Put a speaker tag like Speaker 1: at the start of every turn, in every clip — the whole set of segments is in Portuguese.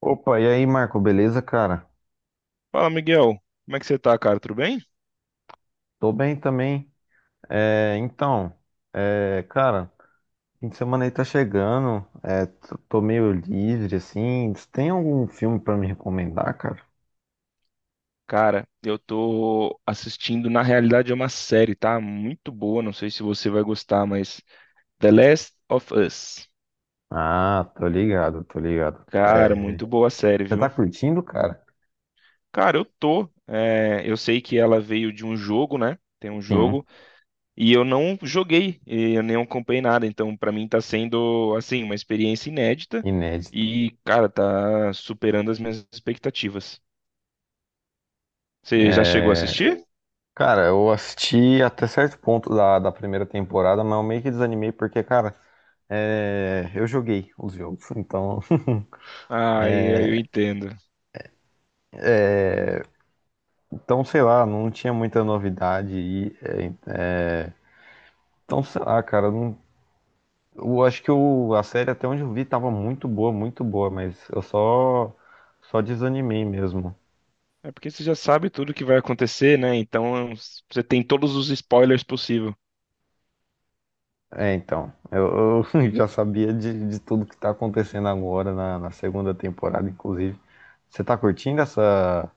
Speaker 1: Opa, e aí, Marco, beleza, cara?
Speaker 2: Fala, Miguel. Como é que você tá, cara? Tudo bem?
Speaker 1: Tô bem também. É, então, cara, fim de semana aí tá chegando, tô meio livre, assim. Você tem algum filme pra me recomendar, cara?
Speaker 2: Cara, eu tô assistindo, na realidade é uma série, tá? Muito boa, não sei se você vai gostar, mas The Last of Us.
Speaker 1: Ah, tô ligado, tô ligado.
Speaker 2: Cara,
Speaker 1: É,
Speaker 2: muito boa a série,
Speaker 1: você tá
Speaker 2: viu?
Speaker 1: curtindo, cara?
Speaker 2: Cara, eu tô. Eu sei que ela veio de um jogo, né? Tem um
Speaker 1: Sim,
Speaker 2: jogo, e eu não joguei, e eu nem acompanhei nada, então pra mim tá sendo, assim, uma experiência inédita
Speaker 1: inédito.
Speaker 2: e, cara, tá superando as minhas expectativas. Você já chegou a
Speaker 1: É,
Speaker 2: assistir?
Speaker 1: cara, eu assisti até certo ponto da primeira temporada, mas eu meio que desanimei porque, cara, eu joguei os jogos, então.
Speaker 2: Ah, eu entendo.
Speaker 1: Não tinha muita novidade. Então, sei lá, cara, eu acho que a série, até onde eu vi, tava muito boa, mas só desanimei mesmo.
Speaker 2: É porque você já sabe tudo que vai acontecer, né? Você tem todos os spoilers possível.
Speaker 1: Eu já sabia de tudo que tá acontecendo agora na segunda temporada, inclusive. Você tá curtindo essa,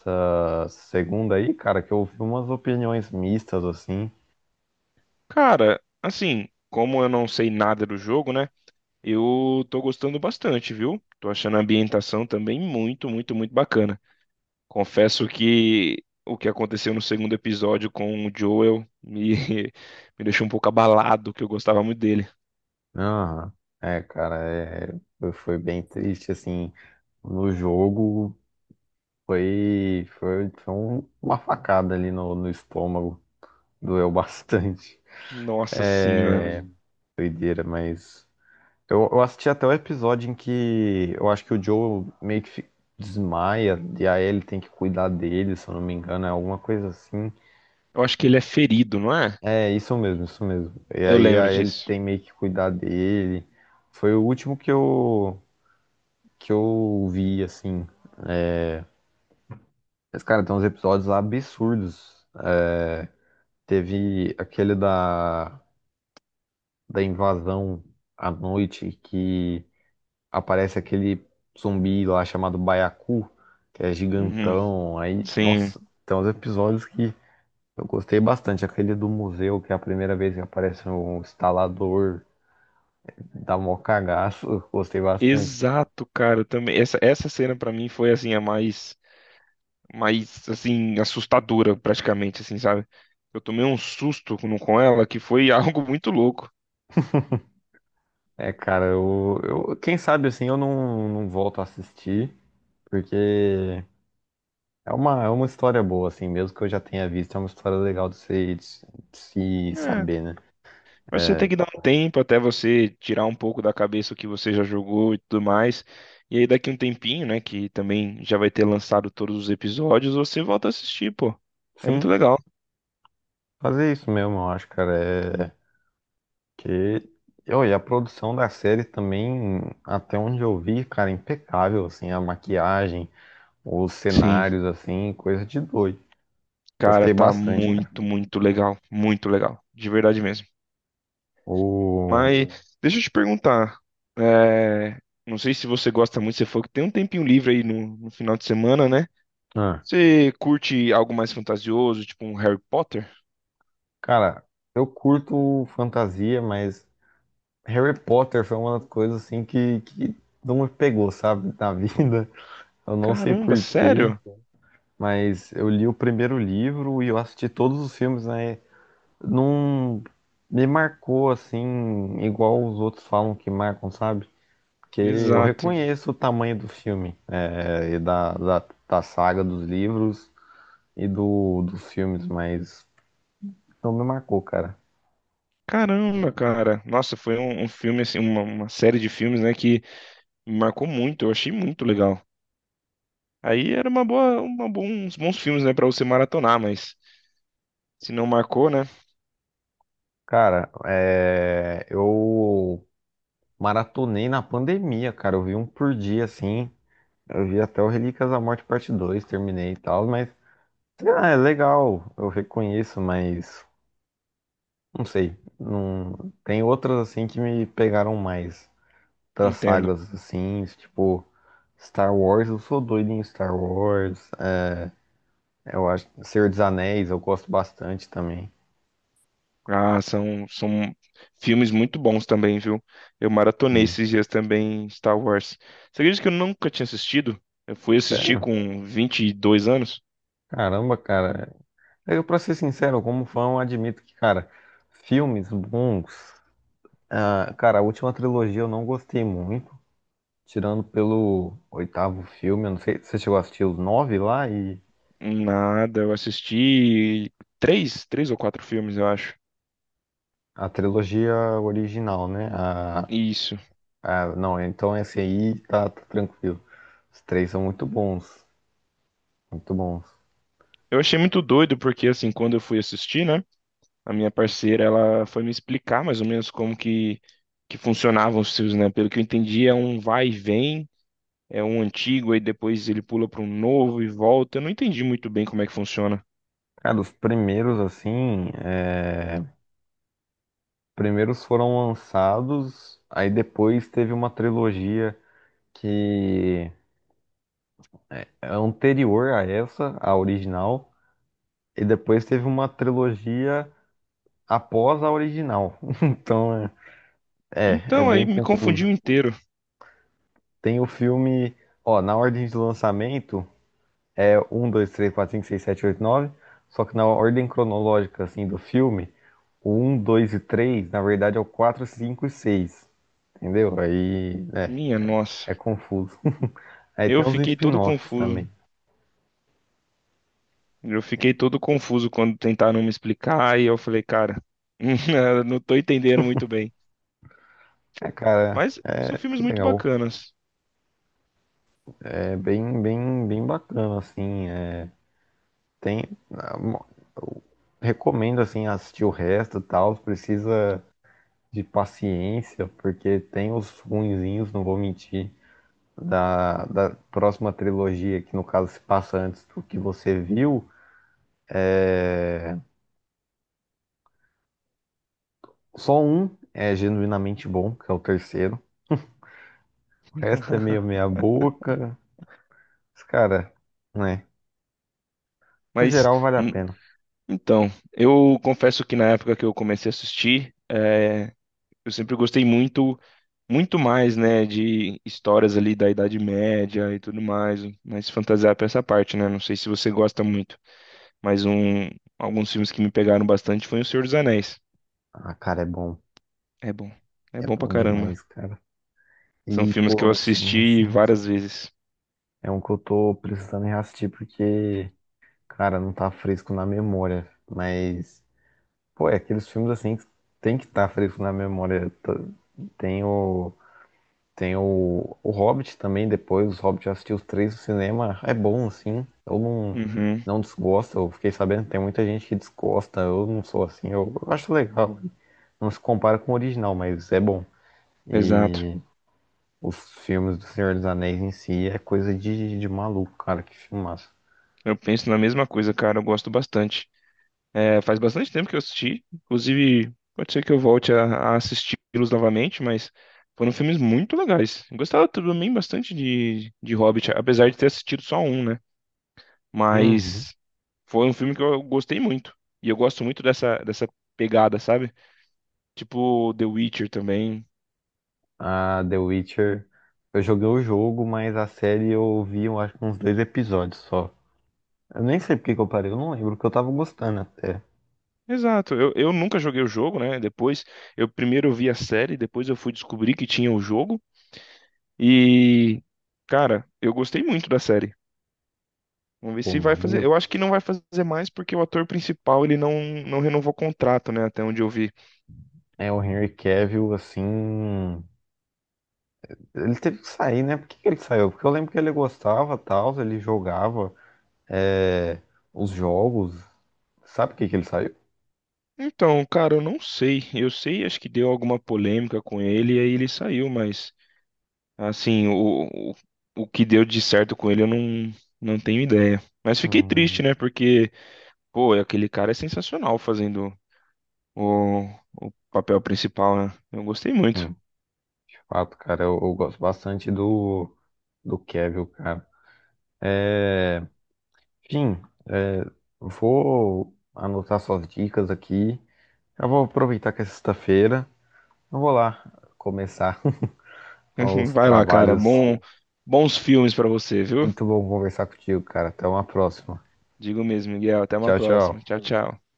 Speaker 1: essa segunda aí, cara? Que eu ouvi umas opiniões mistas, assim.
Speaker 2: Cara, assim, como eu não sei nada do jogo, né? Eu tô gostando bastante, viu? Tô achando a ambientação também muito, muito, muito bacana. Confesso que o que aconteceu no segundo episódio com o Joel me, me deixou um pouco abalado, que eu gostava muito dele.
Speaker 1: Aham. É, cara, foi bem triste, assim, no jogo. Uma facada ali no estômago. Doeu bastante.
Speaker 2: Nossa senhora.
Speaker 1: É, doideira, mas. Eu assisti até o episódio em que eu acho que o Joe meio que desmaia e a Ellie tem que cuidar dele, se eu não me engano, é alguma coisa assim.
Speaker 2: Eu acho que ele é ferido, não é?
Speaker 1: É, isso mesmo, isso mesmo. E
Speaker 2: Eu
Speaker 1: aí
Speaker 2: lembro
Speaker 1: a Ellie
Speaker 2: disso.
Speaker 1: tem meio que cuidar dele. Foi o último que eu vi, assim. Mas, cara, tem uns episódios absurdos. É, Teve aquele da. Da invasão à noite que aparece aquele zumbi lá chamado Baiacu, que é
Speaker 2: Uhum.
Speaker 1: gigantão. Aí,
Speaker 2: Sim.
Speaker 1: nossa, tem uns episódios que eu gostei bastante. Aquele do museu, que é a primeira vez que aparece um instalador, dá mó cagaço, eu gostei bastante.
Speaker 2: Exato, cara, também. Essa cena pra mim foi assim a mais assim assustadora praticamente assim, sabe? Eu tomei um susto com ela que foi algo muito louco.
Speaker 1: É, cara, quem sabe assim eu não, não volto a assistir, porque é uma história boa, assim, mesmo que eu já tenha visto, é uma história legal de se
Speaker 2: É,
Speaker 1: saber, né?
Speaker 2: mas você tem
Speaker 1: É,
Speaker 2: que dar um tempo até você tirar um pouco da cabeça o que você já jogou e tudo mais. E aí daqui um tempinho, né, que também já vai ter lançado todos os episódios, você volta a assistir, pô. É muito
Speaker 1: sim,
Speaker 2: legal.
Speaker 1: fazer isso mesmo, eu acho, cara. É que. Ô, e a produção da série também, até onde eu vi, cara, impecável, assim, a maquiagem, os
Speaker 2: Sim,
Speaker 1: cenários, assim, coisa de doido.
Speaker 2: cara,
Speaker 1: Gostei
Speaker 2: tá
Speaker 1: bastante, cara.
Speaker 2: muito, muito legal, de verdade mesmo.
Speaker 1: O.
Speaker 2: Mas deixa eu te perguntar. é, não sei se você gosta muito, você falou que tem um tempinho livre aí no final de semana, né?
Speaker 1: Ah,
Speaker 2: Você curte algo mais fantasioso, tipo um Harry Potter?
Speaker 1: cara, eu curto fantasia, mas Harry Potter foi uma das coisas, assim, que não me pegou, sabe, na vida. Eu não sei
Speaker 2: Caramba,
Speaker 1: por quê,
Speaker 2: sério?
Speaker 1: mas eu li o primeiro livro e eu assisti todos os filmes, né? Não me marcou assim, igual os outros falam que marcam, sabe? Porque eu
Speaker 2: Exato.
Speaker 1: reconheço o tamanho do filme, da saga dos livros e dos filmes, mas não me marcou, cara.
Speaker 2: Caramba, cara. Nossa, foi um filme, assim, uma série de filmes, né, que me marcou muito, eu achei muito legal. Aí era uma boa, uma bons, bons filmes, né, pra você maratonar, mas se não marcou, né?
Speaker 1: Eu maratonei na pandemia, cara. Eu vi um por dia, assim. Eu vi até o Relíquias da Morte Parte 2, terminei e tal, mas ah, é legal, eu reconheço, mas não sei. Não. Tem outras assim que me pegaram mais. Outras
Speaker 2: Entendo.
Speaker 1: sagas assim, tipo Star Wars, eu sou doido em Star Wars. Eu acho Senhor dos Anéis, eu gosto bastante também.
Speaker 2: Ah, são filmes muito bons também, viu? Eu maratonei
Speaker 1: Sim.
Speaker 2: esses dias também Star Wars. Você acredita que eu nunca tinha assistido? Eu fui assistir
Speaker 1: Sério?
Speaker 2: com 22 anos?
Speaker 1: Caramba, cara. Eu, pra ser sincero, como fã, eu admito que, cara, filmes bons. Ah, cara, a última trilogia eu não gostei muito. Tirando pelo oitavo filme, eu não sei, você chegou a assistir os nove lá e
Speaker 2: Nada, eu assisti três, três ou quatro filmes, eu acho.
Speaker 1: a trilogia original, né? A.
Speaker 2: Isso.
Speaker 1: Ah, não, então esse aí tá, tá tranquilo. Os três são muito bons, muito bons.
Speaker 2: Eu achei muito doido porque, assim, quando eu fui assistir, né? A minha parceira, ela foi me explicar mais ou menos como que funcionavam os filmes, né? Pelo que eu entendi, é um vai e vem, é um antigo, aí depois ele pula para um novo e volta. Eu não entendi muito bem como é que funciona.
Speaker 1: Cara, os primeiros, assim, é. Primeiros foram lançados, aí depois teve uma trilogia que é anterior a essa, a original, e depois teve uma trilogia após a original. Então, é, é
Speaker 2: Então aí
Speaker 1: bem
Speaker 2: me confundiu
Speaker 1: confuso.
Speaker 2: inteiro.
Speaker 1: Tem o filme, ó, na ordem de lançamento, é 1, 2, 3, 4, 5, 6, 7, 8, 9. Só que na ordem cronológica, assim, do filme, o 1, 2 e 3 na verdade, é o 4, 5 e 6. Entendeu?
Speaker 2: Minha nossa.
Speaker 1: É confuso. Aí
Speaker 2: Eu
Speaker 1: tem os
Speaker 2: fiquei todo
Speaker 1: spin-offs
Speaker 2: confuso.
Speaker 1: também.
Speaker 2: Eu fiquei todo confuso quando tentaram me explicar e eu falei, cara, eu não tô entendendo muito bem.
Speaker 1: É, cara,
Speaker 2: Mas
Speaker 1: é
Speaker 2: são filmes
Speaker 1: tudo
Speaker 2: muito
Speaker 1: legal.
Speaker 2: bacanas.
Speaker 1: É bem, bem, bem bacana, assim. Tem... Eu recomendo, assim, assistir o resto e tal. Precisa de paciência, porque tem os ruinzinhos, não vou mentir. Da próxima trilogia, que no caso se passa antes do que você viu, só um é genuinamente bom, que é o terceiro. O resto é meio meia boca. Mas, cara, né? No
Speaker 2: Mas
Speaker 1: geral vale a
Speaker 2: hum,
Speaker 1: pena.
Speaker 2: então, eu confesso que na época que eu comecei a assistir, eu sempre gostei muito mais, né, de histórias ali da Idade Média e tudo mais, mas fantasiar pra essa parte, né? Não sei se você gosta muito, mas alguns filmes que me pegaram bastante foi O Senhor dos Anéis.
Speaker 1: Ah, cara, é bom.
Speaker 2: É bom. É
Speaker 1: É
Speaker 2: bom pra
Speaker 1: bom
Speaker 2: caramba.
Speaker 1: demais, cara.
Speaker 2: São
Speaker 1: E,
Speaker 2: filmes
Speaker 1: pô,
Speaker 2: que eu
Speaker 1: é um filme
Speaker 2: assisti
Speaker 1: assim. Que
Speaker 2: várias vezes.
Speaker 1: é um que eu tô precisando reassistir porque, cara, não tá fresco na memória. Mas, pô, é aqueles filmes assim que tem que estar, tá fresco na memória. Tem o Tem o Hobbit também, depois, os Hobbit eu assisti os três no cinema, é bom, assim, eu não,
Speaker 2: Uhum,
Speaker 1: não desgosto, eu fiquei sabendo que tem muita gente que desgosta, eu não sou assim, eu acho legal, não se compara com o original, mas é bom.
Speaker 2: exato.
Speaker 1: E os filmes do Senhor dos Anéis em si é coisa de maluco, cara, que filmaço.
Speaker 2: Eu penso na mesma coisa, cara, eu gosto bastante. É, faz bastante tempo que eu assisti. Inclusive, pode ser que eu volte a assisti-los novamente, mas foram filmes muito legais. Eu gostava também bastante de Hobbit, apesar de ter assistido só um, né?
Speaker 1: Uhum.
Speaker 2: Mas foi um filme que eu gostei muito. E eu gosto muito dessa pegada, sabe? Tipo The Witcher também.
Speaker 1: A The Witcher, eu joguei o jogo, mas a série eu vi, eu acho que uns dois episódios só. Eu nem sei por que que eu parei, eu não lembro, porque eu tava gostando até.
Speaker 2: Exato, eu nunca joguei o jogo, né? Depois, eu primeiro vi a série, depois eu fui descobrir que tinha o jogo. E, cara, eu gostei muito da série. Vamos ver
Speaker 1: Pô,
Speaker 2: se vai
Speaker 1: mano, e
Speaker 2: fazer.
Speaker 1: eu
Speaker 2: Eu acho que não vai fazer mais porque o ator principal ele não, renovou o contrato, né? Até onde eu vi.
Speaker 1: é, o Henry Cavill, assim. Ele teve que sair, né? Por que que ele saiu? Porque eu lembro que ele gostava, tal, ele jogava, é, os jogos. Sabe por que que ele saiu?
Speaker 2: Então, cara, eu não sei. Eu sei, acho que deu alguma polêmica com ele e aí ele saiu, mas assim, o que deu de certo com ele eu não tenho ideia. Mas fiquei triste,
Speaker 1: Hum,
Speaker 2: né? Porque, pô, aquele cara é sensacional fazendo o, o papel principal, né? Eu gostei
Speaker 1: sim,
Speaker 2: muito.
Speaker 1: de fato, cara, eu gosto bastante do, do Cavill, cara. É, enfim, é, vou anotar suas dicas aqui. Eu vou aproveitar que é sexta-feira. Eu vou lá começar os
Speaker 2: Vai lá, cara.
Speaker 1: trabalhos.
Speaker 2: Bom, bons filmes pra você, viu?
Speaker 1: Muito bom conversar contigo, cara. Até uma próxima.
Speaker 2: Digo mesmo, Miguel. Até uma
Speaker 1: Tchau, tchau.
Speaker 2: próxima. Tchau, tchau.